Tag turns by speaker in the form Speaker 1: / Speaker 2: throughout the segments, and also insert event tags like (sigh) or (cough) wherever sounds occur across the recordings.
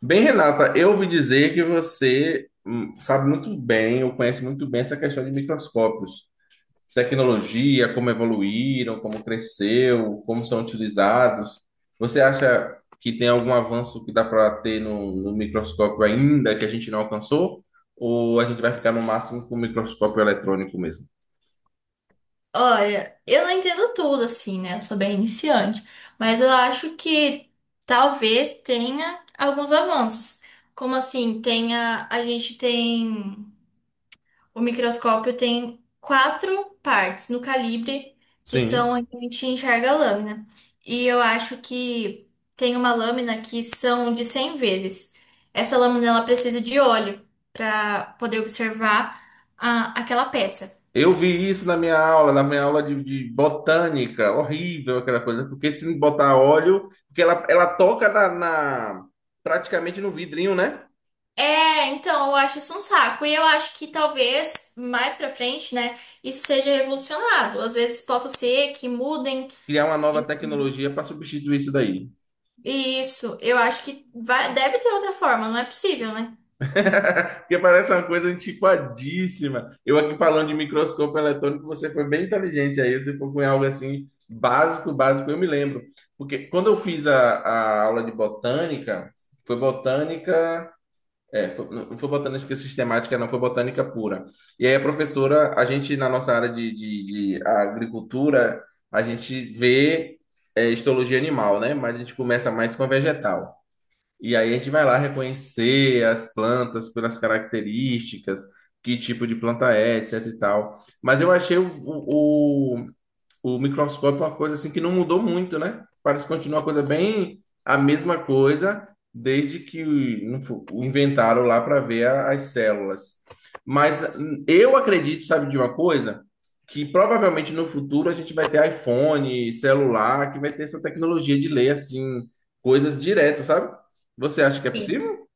Speaker 1: Bem, Renata, eu ouvi dizer que você sabe muito bem, ou conhece muito bem essa questão de microscópios, tecnologia, como evoluíram, como cresceu, como são utilizados. Você acha que tem algum avanço que dá para ter no microscópio ainda que a gente não alcançou? Ou a gente vai ficar no máximo com o microscópio eletrônico mesmo?
Speaker 2: Olha, eu não entendo tudo assim, né? Eu sou bem iniciante, mas eu acho que talvez tenha alguns avanços. Como assim, tenha, a gente tem, o microscópio tem quatro partes no calibre, que são
Speaker 1: Sim.
Speaker 2: onde a gente enxerga a lâmina. E eu acho que tem uma lâmina que são de 100 vezes. Essa lâmina ela precisa de óleo para poder observar aquela peça.
Speaker 1: Eu vi isso na minha aula de botânica, horrível aquela coisa, porque se botar óleo, porque ela toca na, praticamente no vidrinho, né?
Speaker 2: É, então, eu acho isso um saco. E eu acho que talvez mais pra frente, né, isso seja revolucionado. Às vezes possa ser que mudem
Speaker 1: Criar uma nova
Speaker 2: e
Speaker 1: tecnologia para substituir isso daí.
Speaker 2: e isso. Eu acho que vai, deve ter outra forma, não é possível, né?
Speaker 1: (laughs) Porque parece uma coisa antiquadíssima. Eu aqui falando de microscópio eletrônico, você foi bem inteligente aí, você foi com algo assim básico, básico, eu me lembro. Porque quando eu fiz a aula de botânica, foi botânica. É, não foi botânica sistemática, não foi botânica pura. E aí a professora, a gente na nossa área de agricultura, a gente vê histologia animal, né? Mas a gente começa mais com a vegetal. E aí a gente vai lá reconhecer as plantas pelas características, que tipo de planta é, etc e tal. Mas eu achei o microscópio é uma coisa assim que não mudou muito, né? Parece que continua uma coisa bem a mesma coisa desde que o não fo- o inventaram lá para ver as células. Mas eu acredito, sabe de uma coisa? Que provavelmente no futuro a gente vai ter iPhone, celular, que vai ter essa tecnologia de ler assim coisas direto, sabe? Você acha que é
Speaker 2: Sim.
Speaker 1: possível?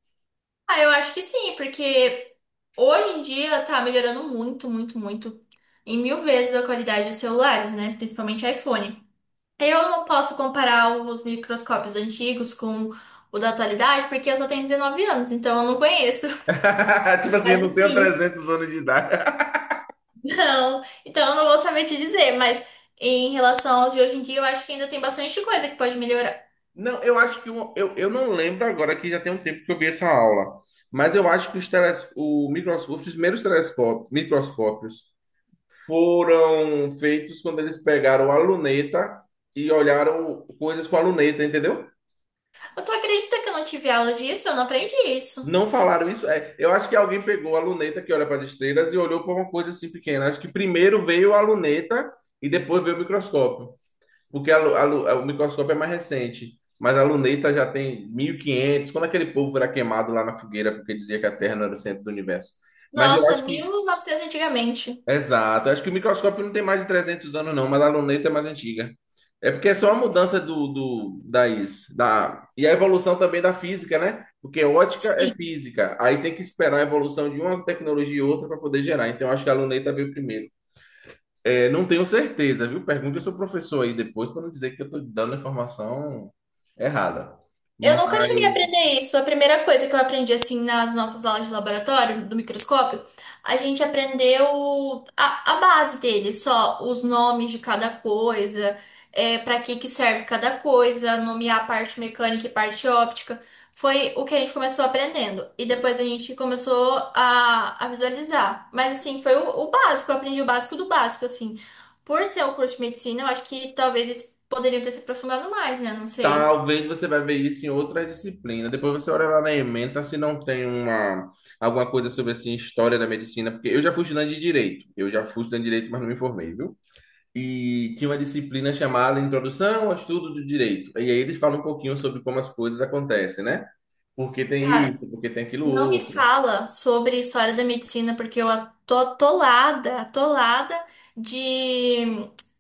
Speaker 2: Ah, eu acho que sim, porque hoje em dia tá melhorando muito, muito, muito. Em 1.000 vezes a qualidade dos celulares, né? Principalmente iPhone. Eu não posso comparar os microscópios antigos com o da atualidade, porque eu só tenho 19 anos, então eu não conheço.
Speaker 1: (laughs) Tipo assim, eu
Speaker 2: Mas
Speaker 1: não tenho
Speaker 2: assim.
Speaker 1: 300 anos de idade.
Speaker 2: Não, então eu não vou saber te dizer, mas em relação aos de hoje em dia, eu acho que ainda tem bastante coisa que pode melhorar.
Speaker 1: Não, eu acho que eu não lembro agora que já tem um tempo que eu vi essa aula, mas eu acho que o microscópio, os primeiros telescópios, microscópios foram feitos quando eles pegaram a luneta e olharam coisas com a luneta, entendeu?
Speaker 2: Eu Tu acredita que eu não tive aula disso? Eu não aprendi isso.
Speaker 1: Não falaram isso. É, eu acho que alguém pegou a luneta que olha para as estrelas e olhou para uma coisa assim pequena. Acho que primeiro veio a luneta e depois veio o microscópio. Porque o microscópio é mais recente, mas a luneta já tem 1500. Quando aquele povo era queimado lá na fogueira porque dizia que a Terra não era o centro do universo. Mas eu
Speaker 2: Nossa,
Speaker 1: acho
Speaker 2: mil
Speaker 1: que,
Speaker 2: e novecentos antigamente.
Speaker 1: exato, eu acho que o microscópio não tem mais de 300 anos não, mas a luneta é mais antiga. É porque é só a mudança do, do da is, da e a evolução também da física, né? Porque ótica é
Speaker 2: Sim.
Speaker 1: física, aí tem que esperar a evolução de uma tecnologia e outra para poder gerar. Então eu acho que a luneta veio primeiro. É, não tenho certeza, viu? Pergunte ao seu professor aí depois para não dizer que eu estou dando a informação errada.
Speaker 2: Eu nunca cheguei a
Speaker 1: Mas
Speaker 2: aprender isso. A primeira coisa que eu aprendi, assim, nas nossas aulas de laboratório, do microscópio, a gente aprendeu a base dele, só os nomes de cada coisa, para que que serve cada coisa, nomear a parte mecânica e parte óptica. Foi o que a gente começou aprendendo. E depois a gente começou a visualizar. Mas, assim, foi o básico. Eu aprendi o básico do básico, assim. Por ser um curso de medicina, eu acho que talvez eles poderiam ter se aprofundado mais, né? Não sei.
Speaker 1: talvez você vai ver isso em outra disciplina. Depois você olha lá na ementa se não tem alguma coisa sobre assim, história da medicina, porque eu já fui estudante de direito. Eu já fui estudante de direito, mas não me formei, viu? E tinha uma disciplina chamada Introdução ao Estudo do Direito. E aí eles falam um pouquinho sobre como as coisas acontecem, né? Por que tem
Speaker 2: Cara,
Speaker 1: isso, por que tem aquilo
Speaker 2: não me
Speaker 1: outro.
Speaker 2: fala sobre história da medicina, porque eu tô atolada, atolada de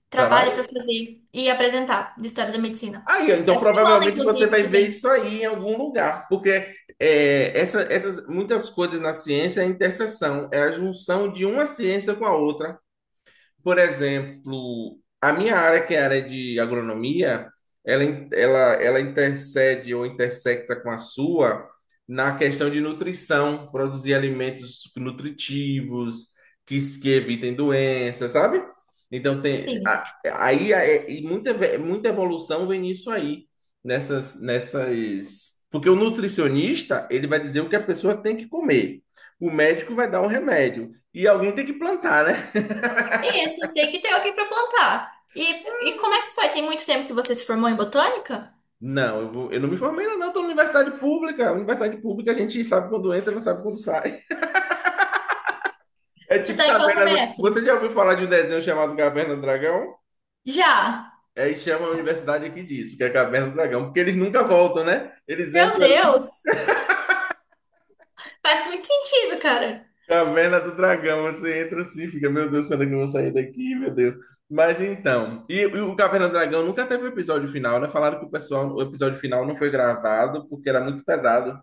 Speaker 2: trabalho para
Speaker 1: Trabalho?
Speaker 2: fazer e apresentar de história da medicina.
Speaker 1: Aí, ó, então
Speaker 2: Essa semana,
Speaker 1: provavelmente você
Speaker 2: inclusive,
Speaker 1: vai
Speaker 2: que
Speaker 1: ver
Speaker 2: vem.
Speaker 1: isso aí em algum lugar, porque essas muitas coisas na ciência é a interseção, é a junção de uma ciência com a outra. Por exemplo, a minha área, que é a área de agronomia, ela intercede ou intersecta com a sua na questão de nutrição, produzir alimentos nutritivos, que evitem doenças, sabe? Então, tem,
Speaker 2: Sim.
Speaker 1: aí e muita, muita evolução vem nisso aí, nessas. Porque o nutricionista, ele vai dizer o que a pessoa tem que comer. O médico vai dar um remédio. E alguém tem que plantar, né?
Speaker 2: E assim, tem que ter alguém para plantar. E como é que foi? Tem muito tempo que você se formou em botânica?
Speaker 1: Não, eu não me formei ainda, não. Estou na universidade pública. Universidade pública a gente sabe quando entra, não sabe quando sai. (laughs) É
Speaker 2: Você
Speaker 1: tipo
Speaker 2: tá em qual
Speaker 1: Caverna do...
Speaker 2: semestre?
Speaker 1: Você já ouviu falar de um desenho chamado Caverna do Dragão?
Speaker 2: Já.
Speaker 1: Aí chama a universidade aqui disso, que é Caverna do Dragão, porque eles nunca voltam, né? Eles
Speaker 2: Meu
Speaker 1: entram ali,
Speaker 2: Deus! Faz muito sentido, cara.
Speaker 1: Caverna do Dragão, você entra assim, fica, meu Deus, quando é que eu vou sair daqui, meu Deus. Mas então, e o Caverna do Dragão nunca teve o episódio final, né? Falaram que o pessoal, o episódio final não foi gravado porque era muito pesado,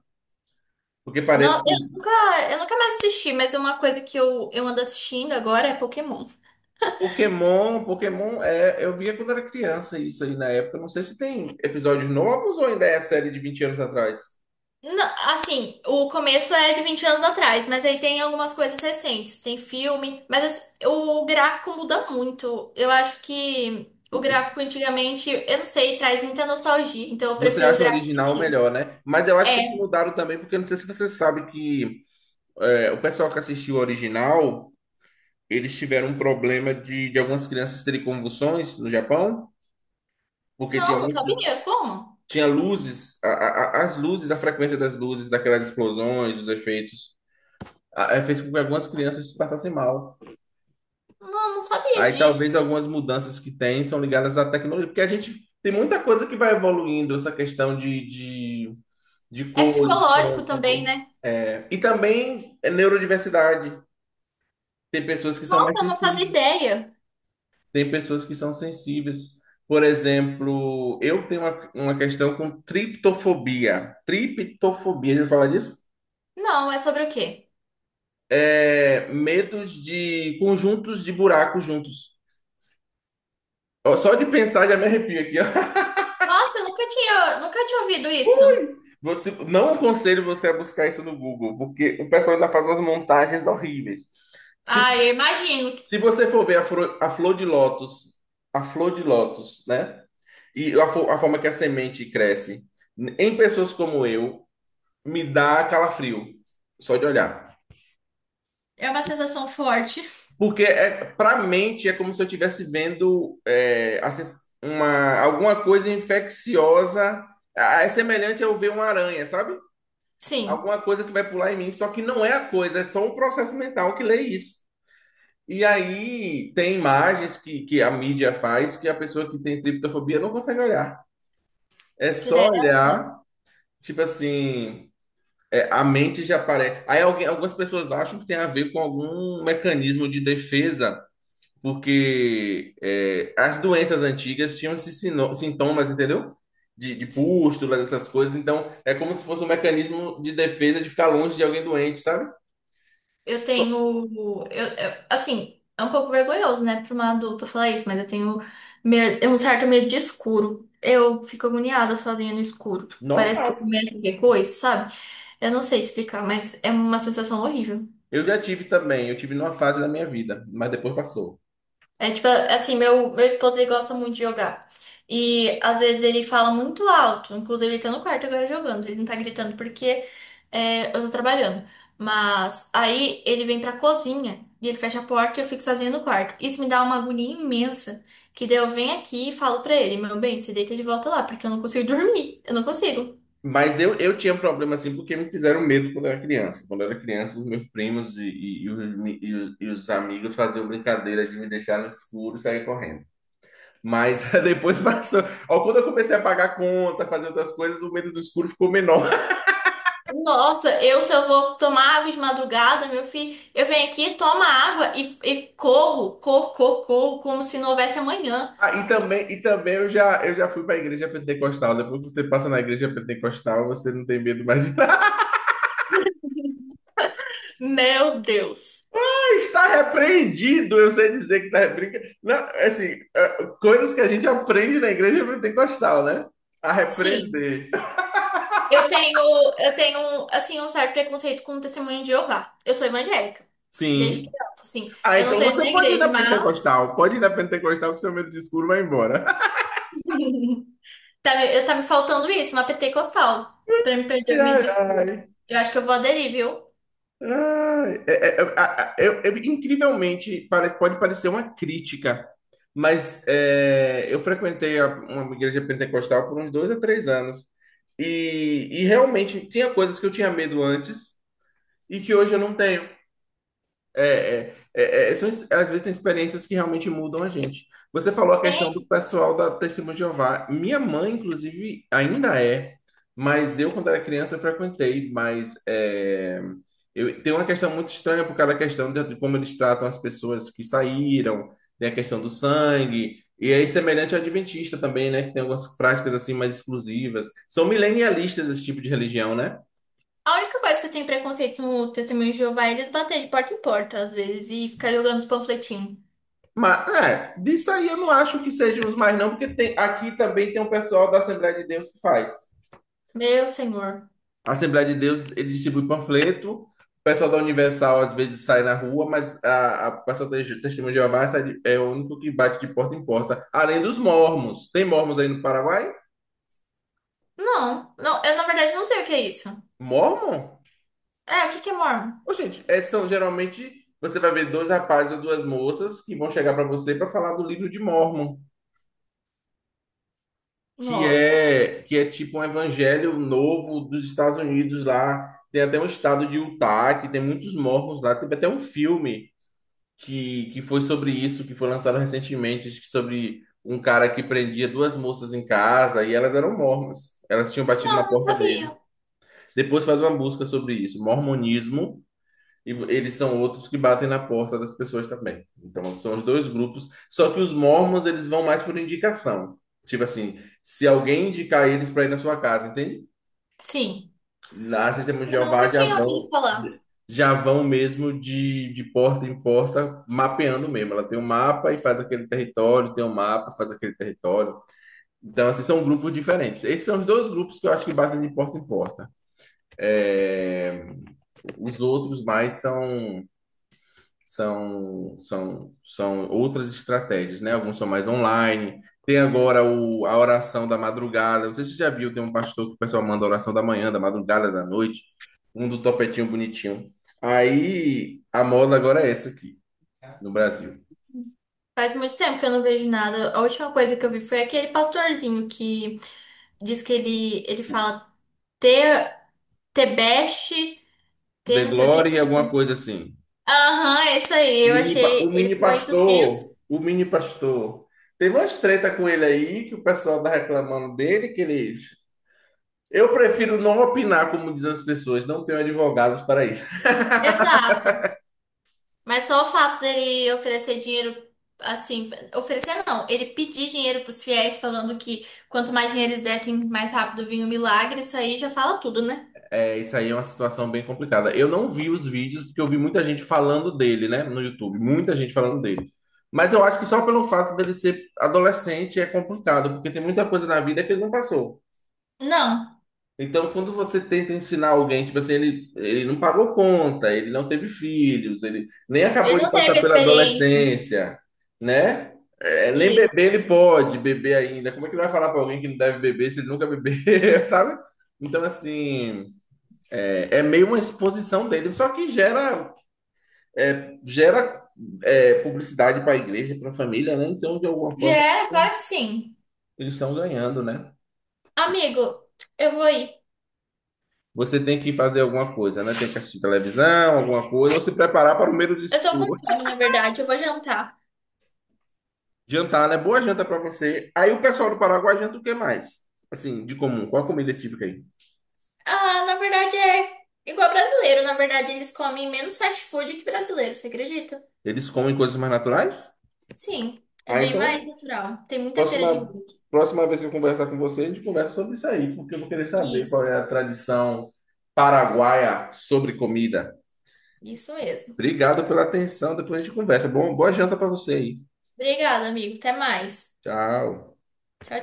Speaker 1: porque
Speaker 2: Não,
Speaker 1: parece que
Speaker 2: eu nunca mais assisti, mas uma coisa que eu ando assistindo agora é Pokémon.
Speaker 1: Pokémon, Pokémon, é, eu via quando era criança isso aí na época. Não sei se tem episódios novos ou ainda é a série de 20 anos atrás.
Speaker 2: Não, assim, o começo é de 20 anos atrás, mas aí tem algumas coisas recentes, tem filme, mas assim, o gráfico muda muito. Eu acho que o
Speaker 1: O- os-
Speaker 2: gráfico antigamente, eu não sei, traz muita nostalgia, então eu
Speaker 1: Você
Speaker 2: prefiro o
Speaker 1: acha o
Speaker 2: gráfico
Speaker 1: original
Speaker 2: antigo.
Speaker 1: melhor, né? Mas eu acho que eles
Speaker 2: É,
Speaker 1: mudaram também, porque não sei se você sabe que o pessoal que assistiu o original, eles tiveram um problema de algumas crianças terem convulsões no Japão, porque tinha
Speaker 2: não, não
Speaker 1: muito,
Speaker 2: sabia como?
Speaker 1: tinha luzes, as luzes, a frequência das luzes, daquelas explosões, dos efeitos, fez com que algumas crianças passassem mal.
Speaker 2: Não, não sabia
Speaker 1: Aí
Speaker 2: disso.
Speaker 1: talvez algumas mudanças que tem são ligadas à tecnologia, porque a gente tem muita coisa que vai evoluindo, essa questão de, de
Speaker 2: É
Speaker 1: cor, de
Speaker 2: psicológico
Speaker 1: som,
Speaker 2: também,
Speaker 1: sabor.
Speaker 2: né?
Speaker 1: É, e também é neurodiversidade. Tem pessoas que são mais
Speaker 2: Nossa, eu não fazia
Speaker 1: sensíveis,
Speaker 2: ideia.
Speaker 1: tem pessoas que são sensíveis. Por exemplo, eu tenho uma questão com triptofobia. Triptofobia, já ouviu falar disso?
Speaker 2: Não, é sobre o quê?
Speaker 1: É medos de conjuntos de buracos juntos. Ó, só de pensar já me arrepio aqui, ó.
Speaker 2: Nossa, eu nunca tinha ouvido isso.
Speaker 1: Você, não aconselho você a buscar isso no Google, porque o pessoal ainda faz umas montagens horríveis. Se,
Speaker 2: Ah, eu imagino.
Speaker 1: se você for ver a flor de lótus, né? E a forma que a semente cresce, em pessoas como eu, me dá calafrio, só de olhar.
Speaker 2: É uma sensação forte.
Speaker 1: Porque para mente é como se eu estivesse vendo assim, alguma coisa infecciosa. Ah, é semelhante a eu ver uma aranha, sabe?
Speaker 2: Sim,
Speaker 1: Alguma coisa que vai pular em mim, só que não é a coisa, é só um processo mental que lê isso. E aí tem imagens que a mídia faz que a pessoa que tem triptofobia não consegue olhar. É só
Speaker 2: credo.
Speaker 1: olhar, tipo assim, a mente já aparece. Aí algumas pessoas acham que tem a ver com algum mecanismo de defesa, porque as doenças antigas tinham esses sintomas, entendeu? De pústulas, essas coisas. Então é como se fosse um mecanismo de defesa de ficar longe de alguém doente, sabe?
Speaker 2: Eu tenho. Assim, é um pouco vergonhoso, né, pra uma adulta falar isso, mas eu tenho um certo medo de escuro. Eu fico agoniada sozinha no escuro. Tipo, parece que eu
Speaker 1: Normal.
Speaker 2: começo a ver coisa, sabe? Eu não sei explicar, mas é uma sensação horrível.
Speaker 1: Eu já tive também, eu tive numa fase da minha vida, mas depois passou.
Speaker 2: É tipo, assim, meu esposo ele gosta muito de jogar. E às vezes ele fala muito alto. Inclusive, ele tá no quarto agora jogando. Ele não tá gritando porque eu tô trabalhando. Mas aí ele vem pra cozinha e ele fecha a porta e eu fico sozinha no quarto. Isso me dá uma agonia imensa. Que daí eu venho aqui e falo pra ele, meu bem, você deita de volta lá, porque eu não consigo dormir. Eu não consigo.
Speaker 1: Mas eu tinha um problema assim porque me fizeram medo quando eu era criança. Quando eu era criança, os meus primos e os, mi- e os amigos faziam brincadeiras de me deixar no escuro e sair correndo. Mas (laughs) depois passou. Ó, quando eu comecei a pagar conta, fazer outras coisas, o medo do escuro ficou menor. (laughs)
Speaker 2: Nossa, eu se eu vou tomar água de madrugada, meu filho, eu venho aqui, tomo a água e corro, corro, corro, corro, como se não houvesse amanhã.
Speaker 1: Ah, e também eu já fui para a igreja pentecostal. Depois que você passa na igreja pentecostal, você não tem medo mais.
Speaker 2: Meu Deus.
Speaker 1: Está repreendido, eu sei dizer que está repreendido. Não, assim, é, coisas que a gente aprende na igreja pentecostal, né? A
Speaker 2: Sim.
Speaker 1: repreender.
Speaker 2: Eu tenho, eu tenho, assim, um certo preconceito com o testemunho de Jeová. Eu sou evangélica. Desde
Speaker 1: Sim.
Speaker 2: criança, assim.
Speaker 1: Ah,
Speaker 2: Eu não
Speaker 1: então
Speaker 2: tô indo na
Speaker 1: você pode ir na
Speaker 2: igreja, mas.
Speaker 1: pentecostal. Pode ir na pentecostal que seu medo de escuro vai embora. (laughs)
Speaker 2: (laughs) Tá, eu tá me faltando isso, uma pentecostal. Pra me
Speaker 1: Ai,
Speaker 2: perder, me
Speaker 1: ai, ai.
Speaker 2: desculpa. Eu acho que eu vou aderir, viu?
Speaker 1: Ai, incrivelmente, pode parecer uma crítica, mas eu frequentei uma igreja pentecostal por uns 2 a 3 anos. E realmente tinha coisas que eu tinha medo antes, e que hoje eu não tenho. Às vezes tem experiências que realmente mudam a gente. Você falou a questão do
Speaker 2: Tem.
Speaker 1: pessoal da Testemunha de Jeová. Minha mãe, inclusive, ainda é, mas eu, quando era criança, eu frequentei, mas tem uma questão muito estranha por causa da questão de como eles tratam as pessoas que saíram, tem a questão do sangue, e aí semelhante ao adventista também, né, que tem algumas práticas assim mais exclusivas. São milenialistas esse tipo de religião, né?
Speaker 2: A única coisa que eu tenho preconceito no testemunho de Jeová é eles baterem de porta em porta, às vezes, e ficar jogando os panfletinhos.
Speaker 1: Mas, disso aí eu não acho que sejam os mais, não, porque tem, aqui também tem um pessoal da Assembleia de Deus que faz.
Speaker 2: Meu senhor.
Speaker 1: A Assembleia de Deus, ele distribui panfleto, o pessoal da Universal às vezes sai na rua, mas a o pessoal da Testemunha de Jeová é o único que bate de porta em porta, além dos mormons. Tem mormons aí no Paraguai?
Speaker 2: Não, não, eu na verdade não sei o que é isso.
Speaker 1: Mormon?
Speaker 2: É, o que que é mormon?
Speaker 1: Ô, gente, são geralmente, você vai ver dois rapazes ou duas moças que vão chegar para você para falar do livro de Mormon. Que
Speaker 2: Nossa.
Speaker 1: é que é tipo um evangelho novo dos Estados Unidos lá. Tem até um estado de Utah que tem muitos mormons lá. Teve até um filme que foi sobre isso, que foi lançado recentemente, acho que sobre um cara que prendia duas moças em casa e elas eram mormons. Elas tinham batido na
Speaker 2: Não, não
Speaker 1: porta dele.
Speaker 2: sabia.
Speaker 1: Depois faz uma busca sobre isso, mormonismo, e eles são outros que batem na porta das pessoas também. Então, são os dois grupos. Só que os mormons, eles vão mais por indicação. Tipo assim, se alguém indicar eles para ir na sua casa, entende?
Speaker 2: Sim.
Speaker 1: Na Testemunha de
Speaker 2: Eu
Speaker 1: Jeová
Speaker 2: nunca
Speaker 1: já
Speaker 2: tinha ouvido
Speaker 1: vão,
Speaker 2: falar.
Speaker 1: já vão mesmo de porta em porta, mapeando mesmo. Ela tem um mapa e faz aquele território, tem um mapa, faz aquele território. Então, assim, são grupos diferentes. Esses são os dois grupos que eu acho que batem de porta em porta. É, os outros mais são, outras estratégias, né? Alguns são mais online. Tem agora a oração da madrugada. Não sei se você já viu, tem um pastor que o pessoal manda oração da manhã, da madrugada, da noite. Um do topetinho bonitinho. Aí a moda agora é essa aqui, no Brasil.
Speaker 2: Faz muito tempo que eu não vejo nada. A última coisa que eu vi foi aquele pastorzinho que diz que ele fala te, tebeste, te
Speaker 1: The
Speaker 2: não sei o que,
Speaker 1: Glory,
Speaker 2: não sei o
Speaker 1: alguma
Speaker 2: que.
Speaker 1: coisa assim.
Speaker 2: Aham, é isso
Speaker 1: O
Speaker 2: aí. Eu
Speaker 1: mini, pa- o
Speaker 2: achei ele
Speaker 1: mini
Speaker 2: com aí suspenso.
Speaker 1: pastor, o mini pastor. Teve umas treta com ele aí, que o pessoal tá reclamando dele, que ele. Eu prefiro não opinar, como dizem as pessoas, não tenho advogados para isso.
Speaker 2: Exato. Mas só o fato dele oferecer dinheiro, assim, oferecer não, ele pedir dinheiro pros fiéis, falando que quanto mais dinheiro eles dessem, mais rápido vinha o milagre, isso aí já fala tudo, né?
Speaker 1: É, isso aí é uma situação bem complicada. Eu não vi os vídeos porque eu vi muita gente falando dele, né, no YouTube, muita gente falando dele. Mas eu acho que só pelo fato dele ser adolescente é complicado, porque tem muita coisa na vida que ele não passou.
Speaker 2: Não,
Speaker 1: Então, quando você tenta ensinar alguém, tipo assim, ele não pagou conta, ele não teve filhos, ele nem acabou
Speaker 2: ele
Speaker 1: de
Speaker 2: não
Speaker 1: passar
Speaker 2: teve
Speaker 1: pela
Speaker 2: experiência.
Speaker 1: adolescência, né? É, nem
Speaker 2: Isso.
Speaker 1: beber ele pode beber ainda. Como é que ele vai falar para alguém que não deve beber se ele nunca bebeu, (laughs) sabe? Então, assim, é meio uma exposição dele, só que gera publicidade para a igreja, para a família, né? Então, de alguma
Speaker 2: Já
Speaker 1: forma,
Speaker 2: era, claro que sim.
Speaker 1: eles estão ganhando, né?
Speaker 2: Amigo, eu vou ir.
Speaker 1: Você tem que fazer alguma coisa, né? Tem que assistir televisão, alguma coisa, ou se preparar para o meio do
Speaker 2: Eu tô com
Speaker 1: escuro.
Speaker 2: fome, na verdade, eu vou jantar.
Speaker 1: Jantar, né? Boa janta para você. Aí o pessoal do Paraguai janta o que mais? Assim, de comum, qual a comida típica aí?
Speaker 2: Ah, na verdade é igual brasileiro, na verdade eles comem menos fast food que brasileiro, você acredita?
Speaker 1: Eles comem coisas mais naturais?
Speaker 2: Sim, é
Speaker 1: Ah,
Speaker 2: bem mais
Speaker 1: então
Speaker 2: natural. Tem muita feira de rua.
Speaker 1: Próxima,
Speaker 2: aqui.
Speaker 1: próxima vez que eu conversar com você, a gente conversa sobre isso aí, porque eu vou querer saber qual
Speaker 2: Isso.
Speaker 1: é a tradição paraguaia sobre comida.
Speaker 2: Isso mesmo.
Speaker 1: Obrigado pela atenção. Depois a gente conversa. Bom, boa janta para você aí.
Speaker 2: Obrigada, amigo. Até mais.
Speaker 1: Tchau.
Speaker 2: Tchau.